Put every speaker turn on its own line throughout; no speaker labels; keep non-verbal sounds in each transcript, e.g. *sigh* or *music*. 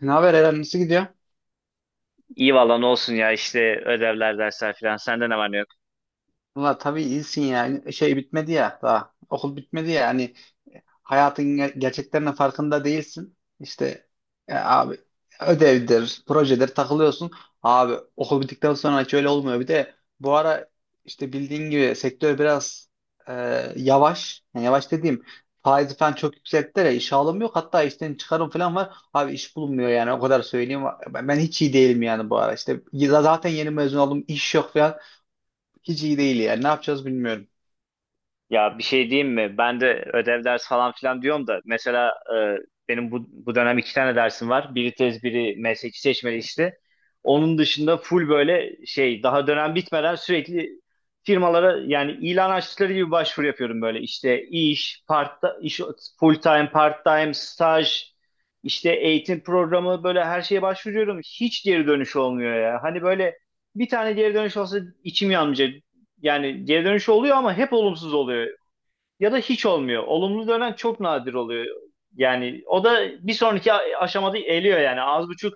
Ne haber Eren nasıl gidiyor?
İyi valla ne olsun ya işte ödevler dersler filan. Sende ne var ne yok?
Valla tabii iyisin ya. Şey bitmedi ya daha. Okul bitmedi ya. Hani hayatın gerçeklerinin farkında değilsin. İşte abi ödevdir, projedir takılıyorsun. Abi okul bittikten sonra hiç öyle olmuyor. Bir de bu ara işte bildiğin gibi sektör biraz e, yavaş. Yani yavaş dediğim faiz falan çok yüksekte ya. İş alım yok. Hatta işten çıkarım falan var. Abi iş bulunmuyor yani o kadar söyleyeyim. Ben hiç iyi değilim yani bu ara. İşte zaten yeni mezun oldum. İş yok falan. Hiç iyi değil yani. Ne yapacağız bilmiyorum.
Ya bir şey diyeyim mi? Ben de ödev ders falan filan diyorum da mesela benim bu dönem iki tane dersim var. Biri tez biri mesleki seçmeli işte. Onun dışında full böyle şey daha dönem bitmeden sürekli firmalara yani ilan açtıkları gibi başvuru yapıyorum böyle. İşte full time, part time, staj, işte eğitim programı böyle her şeye başvuruyorum. Hiç geri dönüş olmuyor ya. Hani böyle bir tane geri dönüş olsa içim yanmayacak. Yani geri dönüş oluyor ama hep olumsuz oluyor ya da hiç olmuyor. Olumlu dönen çok nadir oluyor. Yani o da bir sonraki aşamada eliyor yani. Az buçuk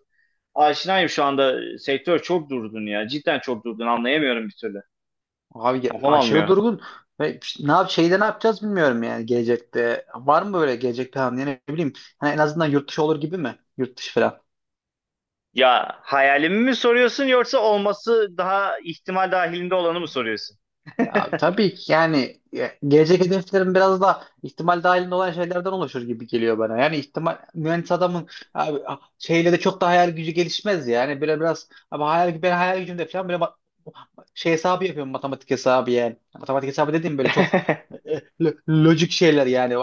aşinayım şu anda. Sektör çok durdun ya. Cidden çok durdun. Anlayamıyorum bir türlü.
Abi
Kafam
aşırı
almıyor.
durgun. Ve işte ne yap şeyde ne yapacağız bilmiyorum yani gelecekte. Var mı böyle gelecek planı yani ne bileyim. Hani en azından yurt dışı olur gibi mi? Yurt dışı falan.
Ya hayalimi mi soruyorsun yoksa olması daha ihtimal dahilinde olanı mı soruyorsun?
Abi, tabii ki yani gelecek hedeflerim biraz da ihtimal dahilinde olan şeylerden oluşur gibi geliyor bana. Yani ihtimal mühendis adamın abi, şeyle de çok da hayal gücü gelişmez yani. Böyle biraz ama hayal, ben hayal gücümde falan böyle şey hesabı yapıyorum matematik hesabı yani. Matematik hesabı dediğim böyle çok
*laughs*
e, e, lo- lojik şeyler yani.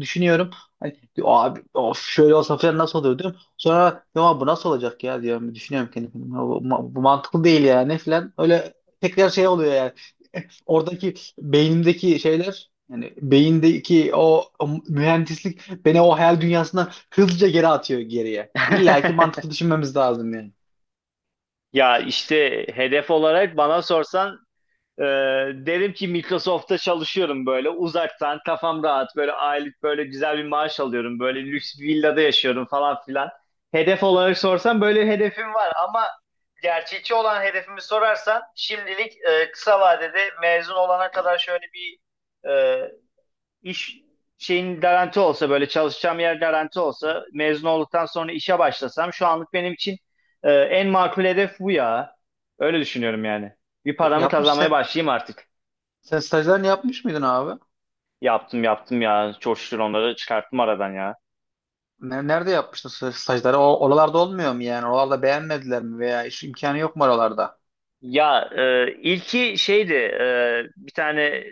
Düşünüyorum. Hani, diyor, abi of şöyle olsa falan nasıl olur diyorum. Sonra ya bu nasıl olacak ya diyorum. Düşünüyorum kendi kendime. Bu mantıklı değil yani falan. Öyle tekrar şey oluyor yani. *laughs* Oradaki beynimdeki şeyler yani beyindeki o mühendislik beni o hayal dünyasından hızlıca geri atıyor geriye. İlla ki mantıklı düşünmemiz lazım yani.
Ya işte hedef olarak bana sorsan Ee, derim ki Microsoft'ta çalışıyorum böyle uzaktan kafam rahat böyle aylık böyle güzel bir maaş alıyorum böyle lüks bir villada yaşıyorum falan filan. Hedef olarak sorsan böyle hedefim var ama gerçekçi olan hedefimi sorarsan şimdilik kısa vadede mezun olana kadar şöyle bir e, İş şeyin garanti olsa böyle çalışacağım yer garanti olsa mezun olduktan sonra işe başlasam şu anlık benim için en makul hedef bu ya. Öyle düşünüyorum yani. Bir
E,
paramı
Yapmış
kazanmaya
sen,
başlayayım artık.
sen stajlarını yapmış mıydın abi?
Yaptım yaptım ya. Çok şükür onları çıkarttım aradan ya.
Nerede yapmıştın stajları? Oralarda olmuyor mu yani? Oralarda beğenmediler mi veya iş imkanı yok mu oralarda?
Ya ilki şeydi bir tane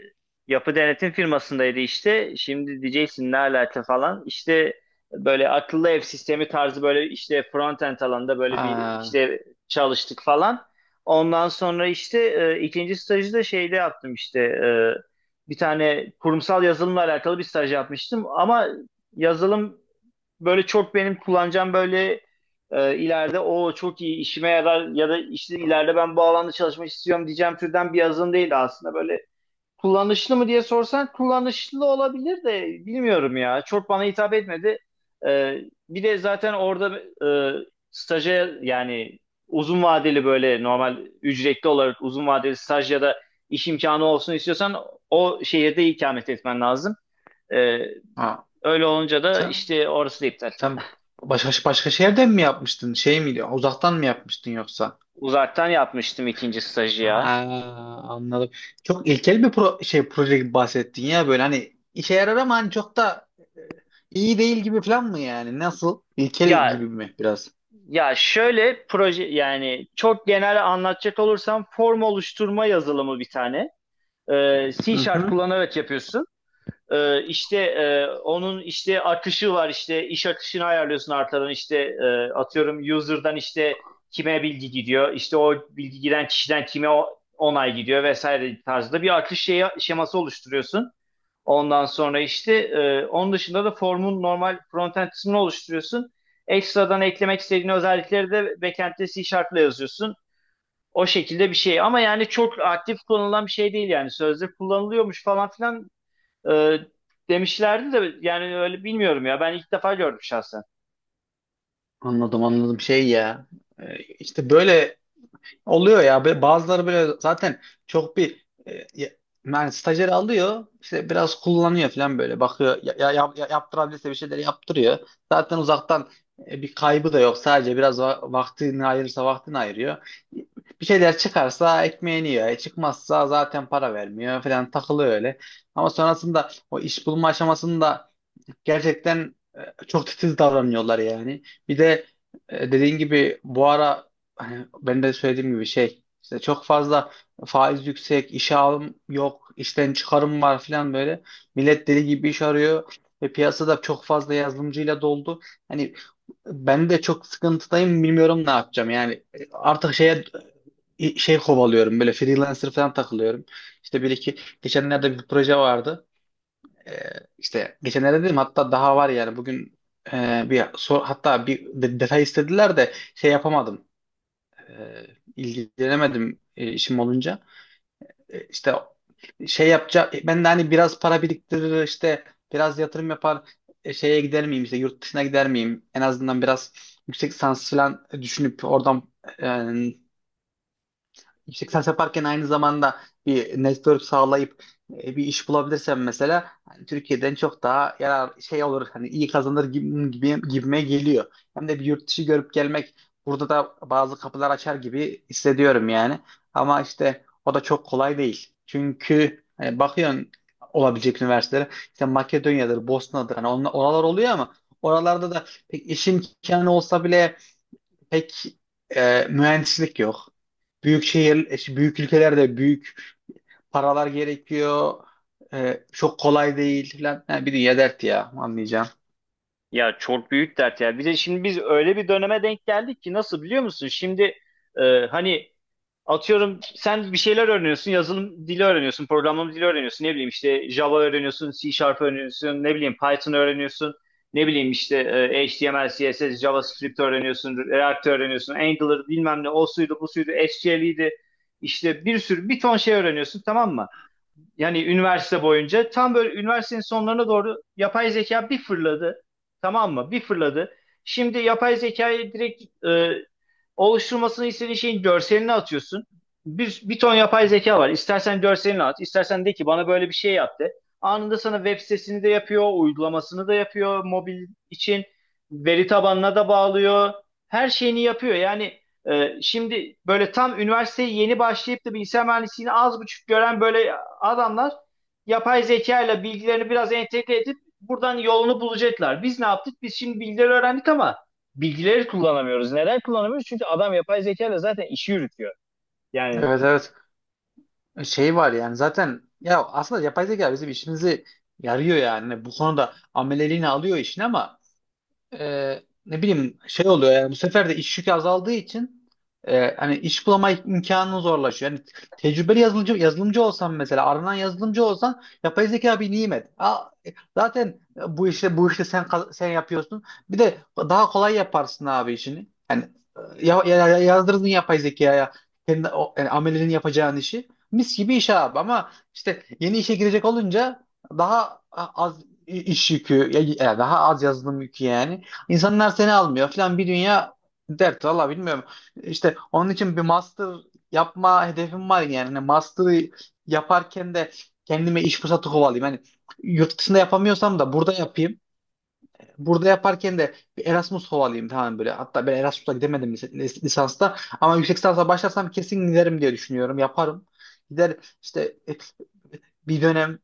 yapı denetim firmasındaydı işte. Şimdi diyeceksin ne alaka falan. İşte böyle akıllı ev sistemi tarzı böyle işte front-end alanında böyle bir
Ha,
işte çalıştık falan. Ondan sonra işte ikinci stajı da şeyde yaptım işte. Bir tane kurumsal yazılımla alakalı bir staj yapmıştım. Ama yazılım böyle çok benim kullanacağım böyle ileride o çok iyi işime yarar ya da işte ileride ben bu alanda çalışmak istiyorum diyeceğim türden bir yazılım değildi aslında böyle kullanışlı mı diye sorsan kullanışlı olabilir de bilmiyorum ya çok bana hitap etmedi. E, Bir de zaten orada e, staja yani uzun vadeli böyle normal ücretli olarak uzun vadeli staj ya da iş imkanı olsun istiyorsan o şehirde ikamet etmen lazım. E,
ha.
Öyle olunca da
Sen,
işte orası da iptal.
sen başka şehirden mi yapmıştın? Şey miydi? Uzaktan mı yapmıştın yoksa?
Uzaktan yapmıştım ikinci stajı
Ha,
ya.
anladım. Çok ilkel bir şey proje gibi bahsettin ya böyle hani işe yarar ama hani çok da e, iyi değil gibi falan mı yani? Nasıl? İlkel
Ya
gibi mi biraz?
ya şöyle proje yani çok genel anlatacak olursam form oluşturma yazılımı bir tane. C
Hı
Sharp
hı.
kullanarak yapıyorsun. İşte onun işte akışı var işte iş akışını ayarlıyorsun arkadan işte atıyorum user'dan işte kime bilgi gidiyor işte o bilgi giden kişiden kime onay gidiyor vesaire tarzda bir akış şeyi, şeması oluşturuyorsun. Ondan sonra işte onun dışında da formun normal frontend kısmını oluşturuyorsun. Ekstradan eklemek istediğin özellikleri de backend'de C Sharp'la yazıyorsun. O şekilde bir şey. Ama yani çok aktif kullanılan bir şey değil yani. Sözde kullanılıyormuş falan filan e, demişlerdi de yani öyle bilmiyorum ya. Ben ilk defa gördüm şahsen.
Anladım anladım şey ya. E, işte böyle oluyor ya bazıları böyle zaten çok bir yani stajyer alıyor işte biraz kullanıyor falan böyle bakıyor yaptırabilirse bir şeyler yaptırıyor. Zaten uzaktan bir kaybı da yok sadece biraz vaktini ayırırsa vaktini ayırıyor. Bir şeyler çıkarsa ekmeğini yiyor. Çıkmazsa zaten para vermiyor falan takılıyor öyle. Ama sonrasında o iş bulma aşamasında gerçekten çok titiz davranıyorlar yani. Bir de dediğin gibi bu ara hani ben de söylediğim gibi şey işte çok fazla faiz yüksek, işe alım yok, işten çıkarım var falan böyle. Millet deli gibi iş arıyor ve piyasada çok fazla yazılımcıyla doldu. Hani ben de çok sıkıntıdayım bilmiyorum ne yapacağım. Yani artık şey kovalıyorum böyle freelancer falan takılıyorum. İşte bir iki geçenlerde bir proje vardı. Ee, işte geçenlerde dedim hatta daha var yani bugün hatta bir detay istediler de şey yapamadım. Ee, ilgilenemedim işim olunca. İşte şey yapacak ben de hani biraz para biriktirir işte biraz yatırım yapar şeye gider miyim işte yurt dışına gider miyim en azından biraz yüksek lisans falan düşünüp oradan e, yüksek lisans yaparken aynı zamanda bir network sağlayıp bir iş bulabilirsem mesela hani Türkiye'den çok daha yarar şey olur hani iyi kazanır gibi gibime geliyor. Hem de bir yurt dışı görüp gelmek burada da bazı kapılar açar gibi hissediyorum yani. Ama işte o da çok kolay değil. Çünkü hani bakıyorsun olabilecek üniversitelere işte Makedonya'dır, Bosna'dır hani oralar oluyor ama oralarda da pek iş imkanı olsa bile pek mühendislik yok. Büyük şehir, büyük ülkelerde büyük paralar gerekiyor. Çok kolay değil falan. Ha, bir dünya dert ya anlayacağım.
Ya çok büyük dert ya. Bir de şimdi biz öyle bir döneme denk geldik ki nasıl biliyor musun? Şimdi hani atıyorum sen bir şeyler öğreniyorsun, yazılım dili öğreniyorsun, programlama dili öğreniyorsun, ne bileyim işte Java öğreniyorsun, C Sharp öğreniyorsun, ne bileyim Python öğreniyorsun, ne bileyim işte HTML, CSS, JavaScript öğreniyorsun, React öğreniyorsun, Angular bilmem ne, o suydu, bu suydu, SQL'iydi, işte bir sürü, bir ton şey öğreniyorsun tamam mı? Yani üniversite boyunca tam böyle üniversitenin sonlarına doğru yapay zeka bir fırladı. Tamam mı? Bir fırladı. Şimdi yapay zekayı direkt oluşturmasını istediğin şeyin görselini atıyorsun. Bir ton yapay zeka var. İstersen görselini at, istersen de ki bana böyle bir şey yaptı. Anında sana web sitesini de yapıyor, uygulamasını da yapıyor mobil için. Veri tabanına da bağlıyor. Her şeyini yapıyor. Yani şimdi böyle tam üniversiteye yeni başlayıp da bilgisayar mühendisliğini az buçuk gören böyle adamlar yapay zeka ile bilgilerini biraz entegre edip buradan yolunu bulacaklar. Biz ne yaptık? Biz şimdi bilgileri öğrendik ama bilgileri kullanamıyoruz. Neden kullanamıyoruz? Çünkü adam yapay zeka ile zaten işi yürütüyor. Yani.
Evet evet. Şey var yani zaten ya aslında yapay zeka bizim işimizi yarıyor yani. Bu konuda ameleliğini alıyor işin ama ne bileyim şey oluyor yani bu sefer de iş yükü azaldığı için hani iş bulama imkanın zorlaşıyor. Yani tecrübeli yazılımcı olsan mesela aranan yazılımcı olsan yapay zeka bir nimet. Aa, zaten bu işte sen yapıyorsun. Bir de daha kolay yaparsın abi işini. Yani yazdırdın yapay zekaya kendi o, yani amelinin yapacağın işi. Mis gibi iş abi ama işte yeni işe girecek olunca daha az iş yükü, ya daha az yazılım yükü yani. İnsanlar seni almıyor falan bir dünya dert. Valla bilmiyorum. İşte onun için bir master yapma hedefim var yani. Hani master'ı yaparken de kendime iş fırsatı kovalayayım. Hani yurt dışında yapamıyorsam da burada yapayım burada yaparken de bir Erasmus havalıyım tamam böyle. Hatta ben Erasmus'a gidemedim lisansta. Ama yüksek lisansa başlarsam kesin giderim diye düşünüyorum. Yaparım. Gider işte bir dönem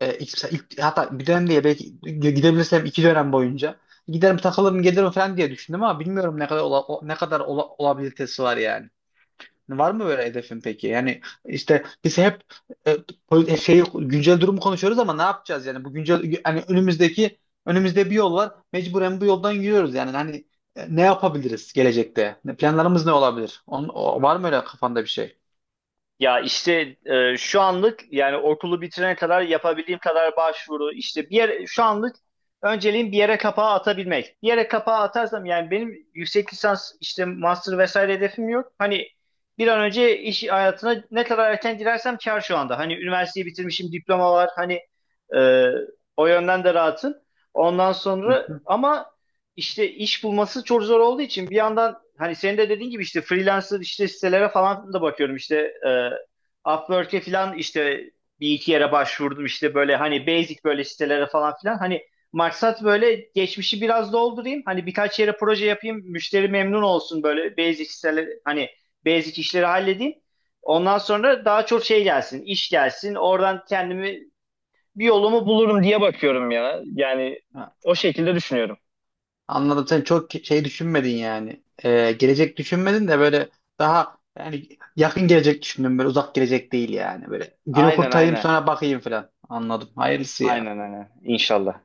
hatta bir dönem diye belki gidebilirsem iki dönem boyunca giderim takılırım gelirim falan diye düşündüm ama bilmiyorum ne kadar olabilitesi var yani. Var mı böyle hedefin peki? Yani işte biz hep e, şey güncel durumu konuşuyoruz ama ne yapacağız yani bu güncel hani önümüzde bir yol var. Mecburen bu yoldan yürüyoruz yani hani ne yapabiliriz gelecekte? Planlarımız ne olabilir? Var mı öyle kafanda bir şey?
Ya işte şu anlık yani okulu bitirene kadar yapabildiğim kadar başvuru işte bir yere, şu anlık önceliğim bir yere kapağı atabilmek. Bir yere kapağı atarsam yani benim yüksek lisans işte master vesaire hedefim yok. Hani bir an önce iş hayatına ne kadar erken girersem kar şu anda. Hani üniversiteyi bitirmişim diploma var hani e, o yönden de rahatım. Ondan
Hı
sonra
hı.
ama işte iş bulması çok zor olduğu için bir yandan hani senin de dediğin gibi işte freelancer işte sitelere falan da bakıyorum işte e, Upwork'e falan işte bir iki yere başvurdum işte böyle hani basic böyle sitelere falan filan hani maksat böyle geçmişi biraz doldurayım hani birkaç yere proje yapayım müşteri memnun olsun böyle basic siteler hani basic işleri halledeyim ondan sonra daha çok şey gelsin iş gelsin oradan kendimi bir yolumu bulurum diye bakıyorum ya yani.
Ha,
O şekilde düşünüyorum.
anladım sen çok şey düşünmedin yani. Gelecek düşünmedin de böyle daha yani yakın gelecek düşündün böyle uzak gelecek değil yani böyle günü
aynen
kurtarayım
aynen
sonra bakayım falan. Anladım. Hayırlısı ya.
Aynen aynen inşallah.